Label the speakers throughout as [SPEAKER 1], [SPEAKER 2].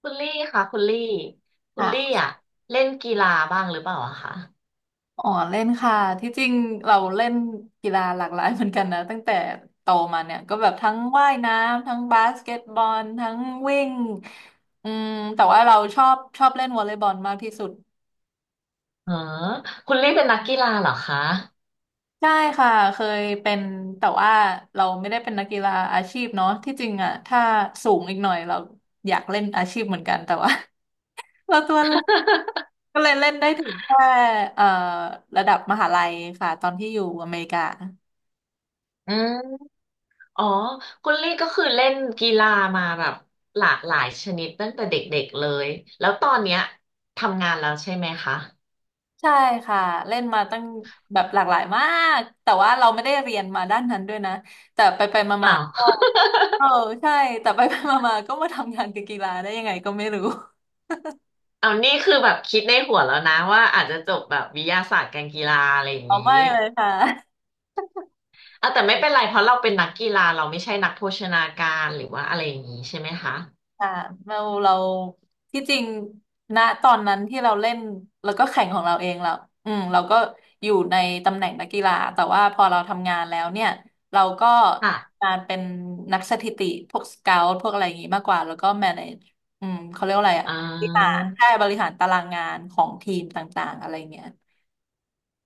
[SPEAKER 1] คุณลี่ค่ะคุณลี่คุณลี่
[SPEAKER 2] ค่ะ
[SPEAKER 1] อ่ะเล่นกีฬาบ้างหรือเปล่าอะคะ
[SPEAKER 2] อ๋อเล่นค่ะที่จริงเราเล่นกีฬาหลากหลายเหมือนกันนะตั้งแต่โตมาเนี่ยก็แบบทั้งว่ายน้ำทั้งบาสเกตบอลทั้งวิ่งอืมแต่ว่าเราชอบเล่นวอลเลย์บอลมากที่สุด
[SPEAKER 1] เออคุณลี่เป็นนักกีฬาเหรอคะ
[SPEAKER 2] ใช่ค่ะเคยเป็นแต่ว่าเราไม่ได้เป็นนักกีฬาอาชีพเนาะที่จริงอ่ะถ้าสูงอีกหน่อยเราอยากเล่นอาชีพเหมือนกันแต่ว่า เราตัวเล็กก็เลยเล่นได้ถึงแค่เอ่อระดับมหาลัยค่ะตอนที่อยู่อเมริกา
[SPEAKER 1] อืมอ๋อคุณลี่ก็คือเล่นกีฬามาแบบหลากหลายชนิดตั้งแต่เด็กๆเลยแล้วตอนเนี้ยทำงานแล้วใช่ไหมคะ
[SPEAKER 2] ใช่ค่ะเล่นมาตั้งแบบหลากหลายมากแต่ว่าเราไม่ได้เรียนมาด้านนั้นด้วยนะ
[SPEAKER 1] อ้าว
[SPEAKER 2] ก็ เออใช่แต่ไป ๆมาๆก็มาทำงานกับกีฬาได้ยังไงก็ไม่รู้
[SPEAKER 1] เอานี่คือแบบคิดในหัวแล้วนะว่าอาจจะจบแบบวิทยาศาสตร์การกีฬาอะไรอย่าง
[SPEAKER 2] อ๋อ
[SPEAKER 1] นี้
[SPEAKER 2] ไม่เลยค่ะ
[SPEAKER 1] เอาแต่ไม่เป็นไรเพราะเราเป็นนักกีฬาเราไม่ใช่นักโภชนาการหรือว่าอะไรอย่างนี้ใช่ไหมคะ
[SPEAKER 2] ค่ะเราเราที่จริงณตอนนั้นที่เราเล่นแล้วก็แข่งของเราเองเราอืมเราก็อยู่ในตำแหน่งนักกีฬาแต่ว่าพอเราทำงานแล้วเนี่ยเราก็
[SPEAKER 1] ค่ะ
[SPEAKER 2] มาเป็นนักสถิติพวกสเกาต์พวกอะไรอย่างงี้มากกว่าแล้วก็แมเนจอืมเขาเรียกว่าอะไรอะ
[SPEAKER 1] อ่
[SPEAKER 2] บริหารแค่
[SPEAKER 1] า
[SPEAKER 2] บริหารตารางงานของทีมต่างๆอะไรเงี้ย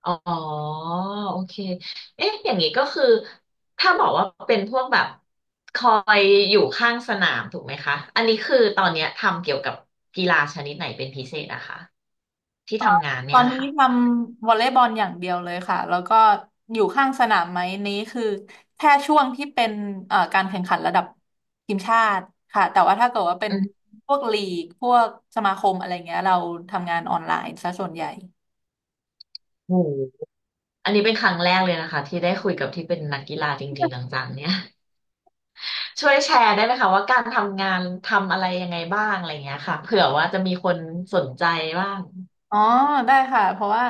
[SPEAKER 1] อ๋อโอเคเอ๊ะอย่างนี้ก็คือถ้าบอกว่าเป็นพวกแบบคอยอยู่ข้างสนามถูกไหมคะอันนี้คือตอนเนี้ยทำเกี่ยวกับกีฬาชนิดไหนเป็นพิเศษนะคะที่ทำงาน
[SPEAKER 2] ต
[SPEAKER 1] เนี่
[SPEAKER 2] อ
[SPEAKER 1] ย
[SPEAKER 2] นนี้
[SPEAKER 1] ค่ะ
[SPEAKER 2] ทำวอลเลย์บอลอย่างเดียวเลยค่ะแล้วก็อยู่ข้างสนามไหมนี้คือแค่ช่วงที่เป็นการแข่งขันระดับทีมชาติค่ะแต่ว่าถ้าเกิดว่าเป็น
[SPEAKER 1] อืม
[SPEAKER 2] พวกลีกพวกสมาคมอะไรเงี้ยเราทำงานออนไลน์ซะส่วนใหญ่
[SPEAKER 1] โหอันนี้เป็นครั้งแรกเลยนะคะที่ได้คุยกับที่เป็นนักกีฬาจริงๆจังๆเนี่ย ช่วยแชร์ได้ไหมคะว่าการทำงานทำอะไรยังไงบ้างอะไรอย่างเงี้ยค่ะเผื่อว่าจะมีคนสนใจบ้าง
[SPEAKER 2] อ๋อได้ค่ะเพราะว่า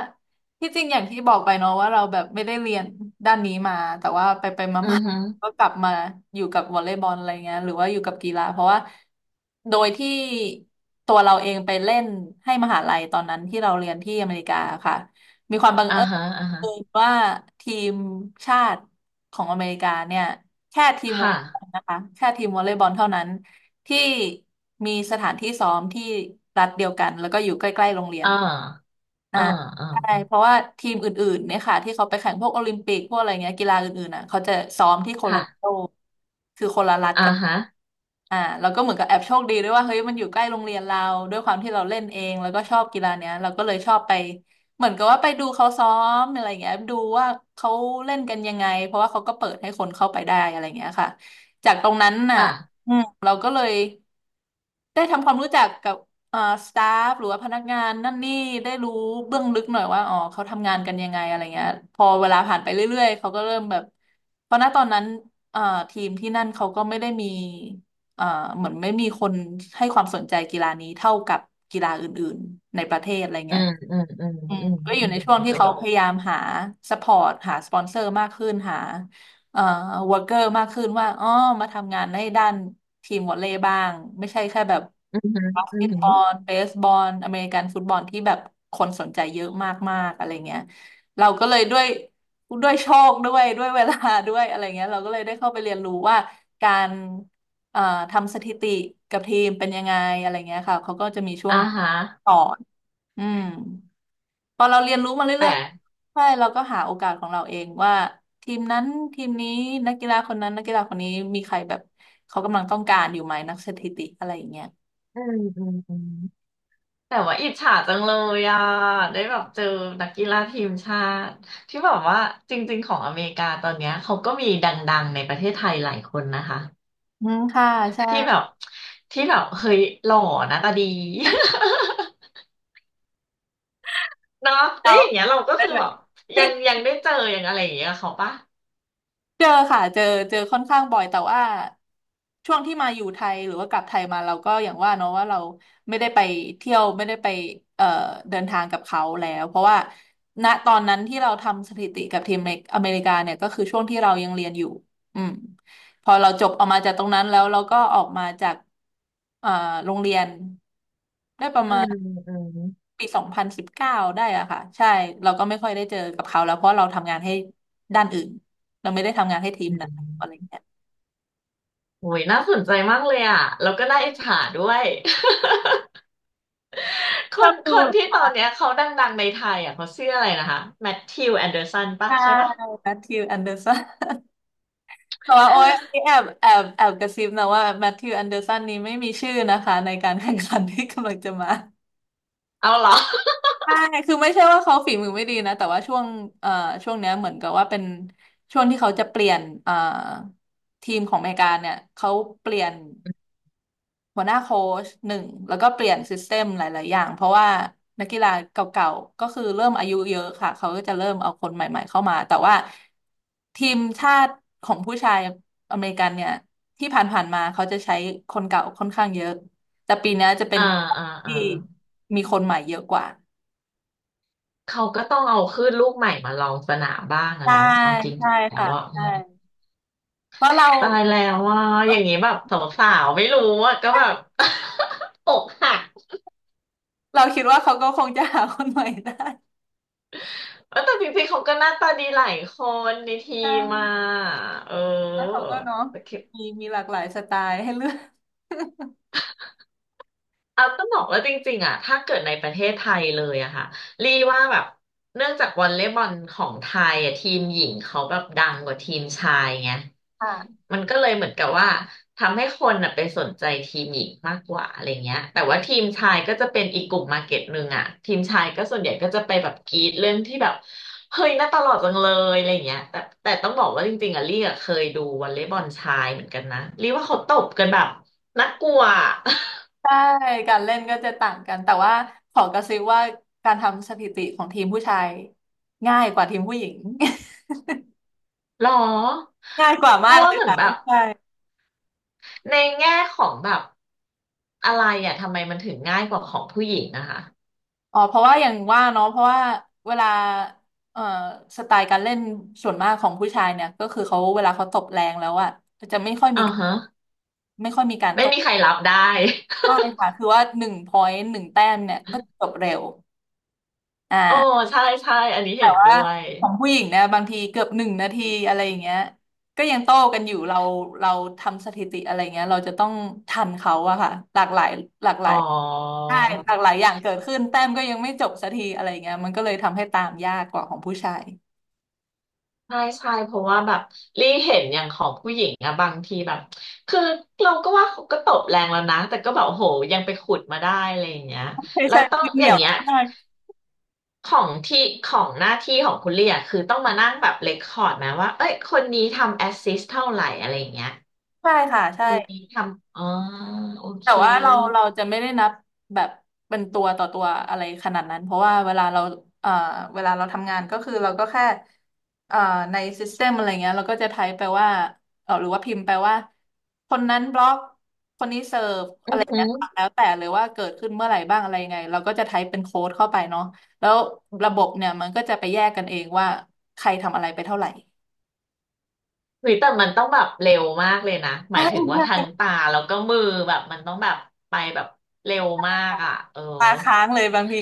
[SPEAKER 2] ที่จริงอย่างที่บอกไปเนาะว่าเราแบบไม่ได้เรียนด้านนี้มาแต่ว่าไปไปมา
[SPEAKER 1] อื อ
[SPEAKER 2] มา
[SPEAKER 1] ฮึ
[SPEAKER 2] ก็กลับมาอยู่กับวอลเลย์บอลอะไรเงี้ยหรือว่าอยู่กับกีฬาเพราะว่าโดยที่ตัวเราเองไปเล่นให้มหาลัยตอนนั้นที่เราเรียนที่อเมริกาค่ะมีความบัง
[SPEAKER 1] อ่า
[SPEAKER 2] เอิ
[SPEAKER 1] ฮะอ่าฮะ
[SPEAKER 2] ญว่าทีมชาติของอเมริกาเนี่ยแค่ทีมวอล
[SPEAKER 1] ค่ะ
[SPEAKER 2] เลย์บอลนะคะแค่ทีมวอลเลย์บอลเท่านั้นที่มีสถานที่ซ้อมที่รัฐเดียวกันแล้วก็อยู่ใกล้ๆโรงเรีย
[SPEAKER 1] อ่
[SPEAKER 2] น
[SPEAKER 1] า
[SPEAKER 2] อ่า
[SPEAKER 1] อ่า
[SPEAKER 2] ใช่
[SPEAKER 1] อ่า
[SPEAKER 2] เพราะว่าทีมอื่นๆเนี่ยค่ะที่เขาไปแข่งพวกโอลิมปิกพวกอะไรเงี้ยกีฬาอื่นๆอ่ะเขาจะซ้อมที่โคโลราโด
[SPEAKER 1] ค่ะ
[SPEAKER 2] คือคนละรัฐ
[SPEAKER 1] อ่า
[SPEAKER 2] กัน
[SPEAKER 1] ฮะ
[SPEAKER 2] อ่าแล้วก็เหมือนกับแอบโชคดีด้วยว่าเฮ้ยมันอยู่ใกล้โรงเรียนเราด้วยความที่เราเล่นเองแล้วก็ชอบกีฬาเนี้ยเราก็เลยชอบไปเหมือนกับว่าไปดูเขาซ้อมอะไรเงี้ยดูว่าเขาเล่นกันยังไงเพราะว่าเขาก็เปิดให้คนเข้าไปได้อะไรเงี้ยค่ะจากตรงนั้นน่ะ
[SPEAKER 1] ค่ะ
[SPEAKER 2] อืมเราก็เลย ได้ทำความรู้จักกับเอ่อสตาฟหรือว่าพนักงานนั่นนี่ได้รู้เบื้องลึกหน่อยว่าอ๋อเขาทำงานกันยังไงอะไรเงี้ยพอเวลาผ่านไปเรื่อยๆเขาก็เริ่มแบบเพราะณตอนนั้นเอ่อทีมที่นั่นเขาก็ไม่ได้มีเอ่อเหมือนไม่มีคนให้ความสนใจกีฬานี้เท่ากับกีฬาอื่นๆในประเทศอะไร
[SPEAKER 1] อื
[SPEAKER 2] เงี้ย
[SPEAKER 1] มอืมอืม
[SPEAKER 2] อืม
[SPEAKER 1] อืม
[SPEAKER 2] ก็อยู่
[SPEAKER 1] อืม
[SPEAKER 2] ในช่วง
[SPEAKER 1] นึก
[SPEAKER 2] ที่
[SPEAKER 1] ออ
[SPEAKER 2] เขา
[SPEAKER 1] ก
[SPEAKER 2] พยายามหาสปอร์ตหาสปอนเซอร์มากขึ้นหาเอ่อวอร์เกอร์มากขึ้นว่าอ๋อมาทำงานในด้านทีมวอลเลย์บ้างไม่ใช่แค่แบบ
[SPEAKER 1] อือหือ
[SPEAKER 2] บาส
[SPEAKER 1] อื
[SPEAKER 2] เก
[SPEAKER 1] อ
[SPEAKER 2] ต
[SPEAKER 1] หื
[SPEAKER 2] บ
[SPEAKER 1] อ
[SPEAKER 2] อลเบสบอลอเมริกันฟุตบอลที่แบบคนสนใจเยอะมากๆอะไรเงี้ยเราก็เลยด้วยด้วยโชคด้วยด้วยเวลาด้วยอะไรเงี้ยเราก็เลยได้เข้าไปเรียนรู้ว่าการเอ่อทำสถิติกับทีมเป็นยังไงอะไรเงี้ยค่ะเขาก็จะมีช่ว
[SPEAKER 1] อ่า
[SPEAKER 2] ง
[SPEAKER 1] ฮะ
[SPEAKER 2] สอนอืม พอเราเรียนรู้มา
[SPEAKER 1] แต่
[SPEAKER 2] เรื่อยๆใช่เราก็หาโอกาสของเราเองว่าทีมนั้นทีมนี้นักกีฬาคนนั้นนักกีฬาคนนี้มีใครแบบเขากำลังต้องการอยู่ไหมนักสถิติอะไรอย่างเงี้ย
[SPEAKER 1] อืมแต่ว่าอิจฉาจังเลยอ่ะได้แบบเจอนักกีฬาทีมชาติที่แบบว่าจริงๆของอเมริกาตอนเนี้ยเขาก็มีดังๆในประเทศไทยหลายคนนะคะ
[SPEAKER 2] อืมค่ะ ใช่
[SPEAKER 1] ที่แบบที่แบบเฮ้ยหล่อหน้าตาดี เนาะแล้
[SPEAKER 2] เรา
[SPEAKER 1] วอย่างเงี้ยเราก็
[SPEAKER 2] ได้
[SPEAKER 1] คือ
[SPEAKER 2] ไหม
[SPEAKER 1] แบบยังได้เจอยังอะไรอย่างเงี้ยกับเขาปะ
[SPEAKER 2] เจอค่ะ เจอเจอค่อนข้างบ่อยแต่ว่าช่วงที่มาอยู่ไทยหรือว่ากลับไทยมาเราก็อย่างว่าเนาะว่าเราไม่ได้ไปเที่ยวไม่ได้ไปเอ่อเดินทางกับเขาแล้วเพราะว่าณตอนนั้นที่เราทำสถิติกับทีมอเมริกาเนี่ยก็คือช่วงที่เรายังเรียนอยู่อืมพอเราจบออกมาจากตรงนั้นแล้วเราก็ออกมาจากเอ่อโรงเรียนได้ประ
[SPEAKER 1] อื
[SPEAKER 2] มาณ
[SPEAKER 1] มอืม
[SPEAKER 2] ปี2019ได้อะค่ะใช่เราก็ไม่ค่อยได้เจอกับเขาแล้วเพราะเราทำงานให้ด้านอื่นเราไม่ได้ทำงานให้ทีม
[SPEAKER 1] อื
[SPEAKER 2] นะอะไรอ
[SPEAKER 1] ม
[SPEAKER 2] ย่างเงี้ย
[SPEAKER 1] โอ้ยน่าสนใจมากเลยอ่ะแล้วก็น่าอิจฉาด้วย ค
[SPEAKER 2] ชอ
[SPEAKER 1] น
[SPEAKER 2] บดู
[SPEAKER 1] คน
[SPEAKER 2] เหร
[SPEAKER 1] ที่
[SPEAKER 2] อ
[SPEAKER 1] ตอนเนี้ยเขาดังๆในไทยอ่ะเขาชื่ออะไรนะคะแมทธิวแอนเดอร์สันปะ
[SPEAKER 2] ใช่
[SPEAKER 1] ใช่ปะ
[SPEAKER 2] แมทธิว แอนเดอร์สันแต่ว่าโอ้ยอัน นี้แอบกระซิบนะว่าแมทธิวแอนเดอร์สันนี้ไม่มีชื่อนะคะในการแข่งขันที่กำลังจะมา
[SPEAKER 1] เอาเหรอ
[SPEAKER 2] ใช่คือไม่ใช่ว่าเขาฝีมือไม่ดีนะแต่ว่าช่วงเอ่อช่วงเนี้ยเหมือนกับว่าเป็นช่วงที่เขาจะเปลี่ยนทีมของอเมริกาเนี่ยเขาเปลี่ยน หัวหน้าโค้ชหนึ่งแล้วก็เปลี่ยนซิสเต็มหลาย ๆ อย่างเพราะว่านักกีฬาเก่าๆก็คือเริ่มอายุเยอะค่ะเขาก็จะเริ่มเอาคนใหม่ ๆ เข้ามาแต่ว่าทีมชาติของผู้ชายอเมริกันเนี่ยที่ผ่าน ๆ มาเขาจะใช้คนเก่าค่อนข้างเยอะแต่ปีเนี้ยจะเป็น
[SPEAKER 1] อ่าอ่าอ่า
[SPEAKER 2] ที่มีคนใหม่เยอะกว่า
[SPEAKER 1] เขาก็ต้องเอาขึ้นลูกใหม่มาลองสนามบ้างอะ
[SPEAKER 2] ใช่
[SPEAKER 1] เนาะเอาจ
[SPEAKER 2] ใช่
[SPEAKER 1] ริงๆแล้ว
[SPEAKER 2] ค่ะ
[SPEAKER 1] ว่า
[SPEAKER 2] ใช่เพราะเรา
[SPEAKER 1] ตายแล้วว่าอย่างนี้แบบสาวๆไม่รู้อ่ะก็แบบ อกหัก
[SPEAKER 2] เราคิดว่าเขาก็คงจะหาคนใหม่ได้
[SPEAKER 1] เออแต่จริงๆเขาก็หน้าตาดีหลายคนในที
[SPEAKER 2] ใช
[SPEAKER 1] มมา
[SPEAKER 2] ่
[SPEAKER 1] เออ
[SPEAKER 2] แล้วเขาก็เนาะมีหลากหลายสไตล์ให้เลือก
[SPEAKER 1] เอาต้องบอกว่าจริงๆอ่ะถ้าเกิดในประเทศไทยเลยอะค่ะรีว่าแบบเนื่องจากวอลเลย์บอลของไทยอะทีมหญิงเขาแบบดังกว่าทีมชายไง
[SPEAKER 2] ค่ะ
[SPEAKER 1] มันก็เลยเหมือนกับว่าทำให้คนอะไปสนใจทีมหญิงมากกว่าอะไรเงี้ยแต่ว่าทีมชายก็จะเป็นอีกกลุ่มมาร์เก็ตหนึ่งอะทีมชายก็ส่วนใหญ่ก็จะไปแบบกรี๊ดเรื่องที่แบบเฮ้ยน่าตลอดจังเลยอะไรเงี้ยแต่ต้องบอกว่าจริงๆอะลี่อะเคยดูวอลเลย์บอลชายเหมือนกันนะรีว่าเขาตบกันแบบน่ากลัวอะ
[SPEAKER 2] ใช่การเล่นก็จะต่างกัน แต่ว่าขอกระซิบว่าการทำสถิติของทีมผู้ชายง่ายกว่าทีมผู้หญิง
[SPEAKER 1] หรอ
[SPEAKER 2] ง่ายกว่า
[SPEAKER 1] เพ
[SPEAKER 2] มา
[SPEAKER 1] ราะ
[SPEAKER 2] กเล
[SPEAKER 1] ว่าเหมือน
[SPEAKER 2] ย
[SPEAKER 1] แบบในแง่ของแบบอะไรอ่ะทำไมมันถึงง่ายกว่าของผู้หญิงนะคะ
[SPEAKER 2] อ๋อเพราะว่าอย่างว่าเนาะเพราะว่าเวลาเอ่อสไตล์การเล่นส่วนมากของผู้ชายเนี่ยก็คือเขาเวลาเขาตบแรงแล้วอะ
[SPEAKER 1] อ่าฮะไม่มีใครรับได้
[SPEAKER 2] ใช่ค่ะคือว่า1 พอยต์ 1 แต้มเนี่ยก็จบเร็วอ
[SPEAKER 1] โอ้
[SPEAKER 2] ่า
[SPEAKER 1] ใช่ใช่อันนี้เห็น
[SPEAKER 2] ว่า
[SPEAKER 1] ด้วย
[SPEAKER 2] ของผู้หญิงเนี่ยบางทีเกือบ1 นาทีอะไรอย่างเงี้ยก็ยังโต้กันอยู่เราทำสถิติอะไรเงี้ยเราจะต้องทันเขาอะค่ะหลากหลายหลากหลา
[SPEAKER 1] อ๋อ
[SPEAKER 2] ยใช่หลากหลายอย่างเกิดขึ้นแต้มก็ยังไม่จบสักทีอะไรเงี้ยมันก็เลยทำให้ตามยากกว่าของผู้ชาย
[SPEAKER 1] ใช่ใช่เพราะว่าแบบรีเห็นอย่างของผู้หญิงอะบางทีแบบคือเราก็ว่าเขาก็ตบแรงแล้วนะ แต่ก็แบบโอ้โหยังไปขุดมาได้อะไรอย่างเงี้ย
[SPEAKER 2] ใช่
[SPEAKER 1] แล้ว
[SPEAKER 2] ใช่
[SPEAKER 1] ต้อง
[SPEAKER 2] คือเห
[SPEAKER 1] อ
[SPEAKER 2] นี
[SPEAKER 1] ย่า
[SPEAKER 2] ย
[SPEAKER 1] ง
[SPEAKER 2] ว
[SPEAKER 1] เงี้ย
[SPEAKER 2] มาก
[SPEAKER 1] ของที่ของหน้าที่ของคุณเรียคือต้องมานั่งแบบเรคคอร์ดไหมว่าเอ้ยคนนี้ทำแอสซิสเท่าไหร่อะไรอย่างเงี้ย
[SPEAKER 2] ใช่ค่ะ
[SPEAKER 1] ค
[SPEAKER 2] ใช่
[SPEAKER 1] นนี้ทำอ๋อโอ
[SPEAKER 2] แต่
[SPEAKER 1] เค
[SPEAKER 2] ว่าเราจะไม่ได้นับแบบเป็นตัวต่อตัวอะไรขนาดนั้นเพราะว่าเวลาเราเอ่อเวลาเราทำงานก็คือเราก็แค่เอ่อในซิสเต็มอะไรเงี้ยเราก็จะไทป์ไปว่าเออหรือว่าพิมพ์ไปว่าคนนั้นบล็อกคนนี้เสิร์ฟ
[SPEAKER 1] อื
[SPEAKER 2] อะไร
[SPEAKER 1] อหื
[SPEAKER 2] เงี้
[SPEAKER 1] อ
[SPEAKER 2] ยค่ะแล้วแต่เลยว่าเกิดขึ้นเมื่อไหร่บ้างอะไรยังไงเราก็จะไทป์เป็นโค้ดเข้าไปเนาะแล้วระบบเนี่ยมันก็จะไปแยกกันเองว่าใครทำอะไรไปเท่าไหร่
[SPEAKER 1] หรือแต่มันต้องแบบเร็วมากเลยนะหมายถึงว่าทางตาแล้วก็มือแบบมันต้องแบบไปแบบเร็วมากอ่ะเออ
[SPEAKER 2] ตาค้างเลยบางที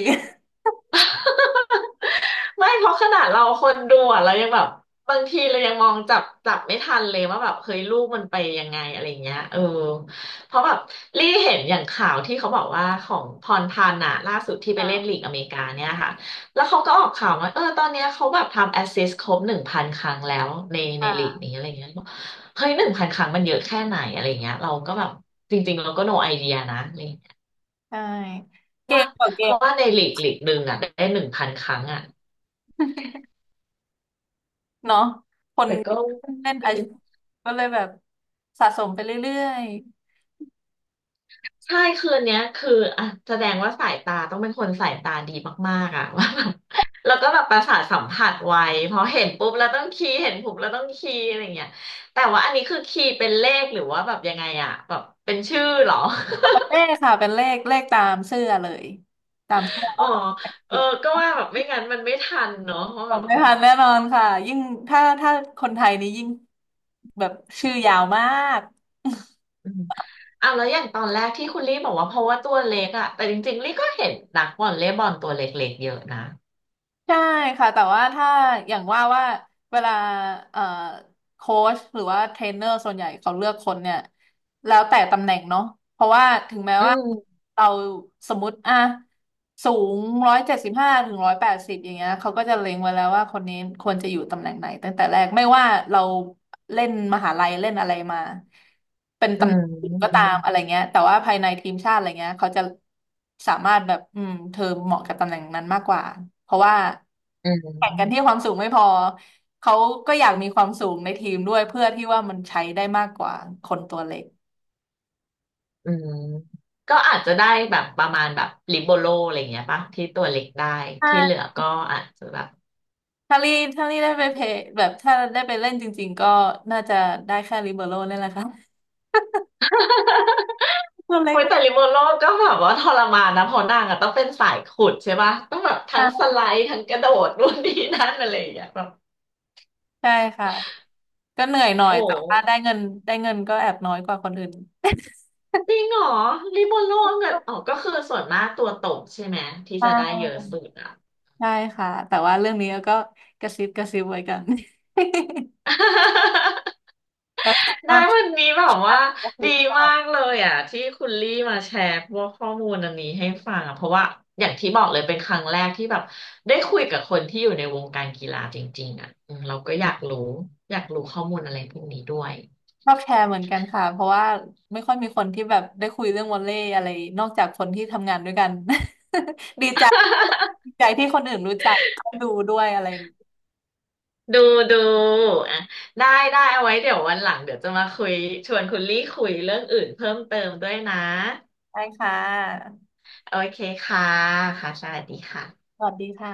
[SPEAKER 1] ไม่เพราะขนาดเราคนดูอ่ะเรายังแบบบางทีเรายังมองจับไม่ทันเลยว่าแบบเฮ้ยลูกมันไปยังไงอะไรเงี้ยเออเพราะแบบรี่เห็นอย่างข่าวที่เขาบอกว่าของพรพันธ์อะล่าสุดที่ ไป
[SPEAKER 2] อ่า
[SPEAKER 1] เล่นลีกอเมริกาเนี่ยค่ะแล้วเขาก็ออกข่าวว่าเออตอนเนี้ยเขาแบบทำแอสซิสต์ครบหนึ่งพันครั้งแล้วในลี
[SPEAKER 2] อ่า
[SPEAKER 1] กนี้อะไรเงี้ยบอกเฮ้ยหนึ่งพันครั้งมันเยอะแค่ไหนอะไรเงี้ยเราก็แบบจริงๆเราก็ no idea นะอะไรเงี้ย
[SPEAKER 2] ใช่เก
[SPEAKER 1] ว่า
[SPEAKER 2] มต่อเก
[SPEAKER 1] ว่าในลีกหนึ่งอะได้หนึ่งพันครั้งอะ
[SPEAKER 2] เนาะคน
[SPEAKER 1] แต่ก็
[SPEAKER 2] เล่นไอซ์ก็เลยแบบสะสมไปเรื่อย
[SPEAKER 1] ใช่คืนเนี้ยคืออ่ะแสดงว่าสายตาต้องเป็นคนสายตาดีมากๆอ่ะ ว่าแบบแล้วก็แบบประสาทสัมผัสไวเพราะเห็นปุ๊บแล้วต้องคีย์เห็นปุ๊บแล้วต้องคีย์อะไรเงี้ยแต่ว่าอันนี้คือคีย์เป็นเลขหรือว่าแบบยังไงอ่ะแบบเป็นชื่อเหรอ
[SPEAKER 2] ๆเป็นเลขค่ะเป็นเลขเลขตามเสื้อเลยตามเสื้อ
[SPEAKER 1] อ๋อเออก็ว่าแบบไม่งั้นมันไม่ทันเนาะเพราะ
[SPEAKER 2] ผ
[SPEAKER 1] แบ
[SPEAKER 2] ม
[SPEAKER 1] บ
[SPEAKER 2] ไม่ทันแน่นอนค่ะยิ่งถ้าคนไทยนี่ยิ่งแบบชื่อยาวมาก
[SPEAKER 1] อืมอ่ะแล้วอย่างตอนแรกที่คุณลี่บอกว่าเพราะว่าตัวเล็กอ่ะแต่จริงๆลี่ก็เห็นนักวอลเลย์บอลตัวเล็กๆเยอะนะ
[SPEAKER 2] ใช่ค่ะแต่ว่าถ้าอย่างว่าว่าเวลาเอ่อโค้ชหรือว่าเทรนเนอร์ส่วนใหญ่เขาเลือกคนเนี่ย แล้วแต่ตำแหน่งเนาะเพราะว่าถึงแม้
[SPEAKER 1] อื
[SPEAKER 2] ว่า
[SPEAKER 1] ม
[SPEAKER 2] เราสมมติอ่ะสูง175 ถึง 180อย่างเงี้ยเขาก็จะเล็งไว้แล้วว่าคนนี้ควรจะอยู่ตำแหน่งไหนตั้งแต่แรกไม่ว่าเราเล่นมหาลัยเล่นอะไรมาเป็น
[SPEAKER 1] อื
[SPEAKER 2] ตำแห
[SPEAKER 1] ม
[SPEAKER 2] น่งอื่นก็
[SPEAKER 1] อื
[SPEAKER 2] ตา
[SPEAKER 1] ม
[SPEAKER 2] มอะไรเงี้ยแต่ว่าภายในทีมชาติอะไรเงี้ยเขาจะสามารถแบบอืมเธอเหมาะกับตำแหน่งนั้นมากกว่าเพราะว่า
[SPEAKER 1] อื
[SPEAKER 2] แข่งกันที่
[SPEAKER 1] ม
[SPEAKER 2] ความสูงไม่พอเขาก็อยากมีความสูงในทีมด้วยเพื่อที่ว่ามันใช้ได้มากกว่าคนตัวเล็ก
[SPEAKER 1] อืมก็อาจจะได้แบบประมาณแบบลิโบโลอะไรอย่างเงี้ยปะที่ตัวเล็กได้
[SPEAKER 2] ถ้า
[SPEAKER 1] ที่เหลือก็อาจจะแบบ
[SPEAKER 2] ถ้าลี่ถ้าลี่ได้ไปเพลย์แบบถ้าได้ไปเล่นจริงๆก็น่าจะได้แค่ลิเบโร่นี่แหละค่ะตัวเล็
[SPEAKER 1] โอ้
[SPEAKER 2] ก
[SPEAKER 1] ยแต่
[SPEAKER 2] ม
[SPEAKER 1] ลิโบโลก็แบบว่าทรมานนะเพราะนางอะต้องเป็นสายขุดใช่ปะต้องแบบทั้
[SPEAKER 2] า
[SPEAKER 1] งสไล
[SPEAKER 2] ก
[SPEAKER 1] ด์ทั้งกระโดดนู่นนี่นั่นอะไรอย่างเงี้ยแบบ
[SPEAKER 2] ใช่ค่ะก็เหนื่อยหน่อ
[SPEAKER 1] โอ้
[SPEAKER 2] ยแต่ว่าได้เงินได้เงินก็แอบน้อยกว่าคนอื่น
[SPEAKER 1] จริงเหรอลิโบโลเนี่ยอ๋อก็คือส่วนมากตัวตกใช่ไหมที่
[SPEAKER 2] ใช
[SPEAKER 1] จะได้เยอะ
[SPEAKER 2] ่
[SPEAKER 1] สุดอ่ะ
[SPEAKER 2] ใช่ค่ะแต่ว่าเรื่องนี้ก็กระซิบกระซิบไว้กัน แล้ว ขอบค
[SPEAKER 1] ได้วันนี้แบ
[SPEAKER 2] ขอ
[SPEAKER 1] บ
[SPEAKER 2] บ
[SPEAKER 1] ว่า
[SPEAKER 2] กระซิ
[SPEAKER 1] ดี
[SPEAKER 2] บตอ
[SPEAKER 1] มา
[SPEAKER 2] บ
[SPEAKER 1] กเลยอ่ะที่คุณลี่มาแชร์พวกข้อมูลอันนี้ให้ฟังอ่ะเพราะว่าอย่างที่บอกเลยเป็นครั้งแรกที่แบบได้คุยกับคนที่อยู่ในวงการกีฬาจริงๆอ่ะอืมเราก็อยากรู้ข้อมูลอะไรพวกนี้ด้วย
[SPEAKER 2] ชอบแชร์เหมือนกันค่ะเพราะว่าไม่ค่อยมีคนที่แบบได้คุยเรื่องวอลเลย์อะไรนอกจากคนที่ทำงานด้วยกัน ดีใจดีใจที่คนอื่นรู้จักได้ดูด้วยอะไร
[SPEAKER 1] ดูดูอ่ะได้ได้เอาไว้เดี๋ยววันหลังเดี๋ยวจะมาคุยชวนคุณลี่คุยเรื่องอื่นเพิ่มเติมด้วยนะ
[SPEAKER 2] ได้ค่ะ
[SPEAKER 1] โอเคค่ะค่ะสวัสดีค่ะ
[SPEAKER 2] สวัสดีค่ะ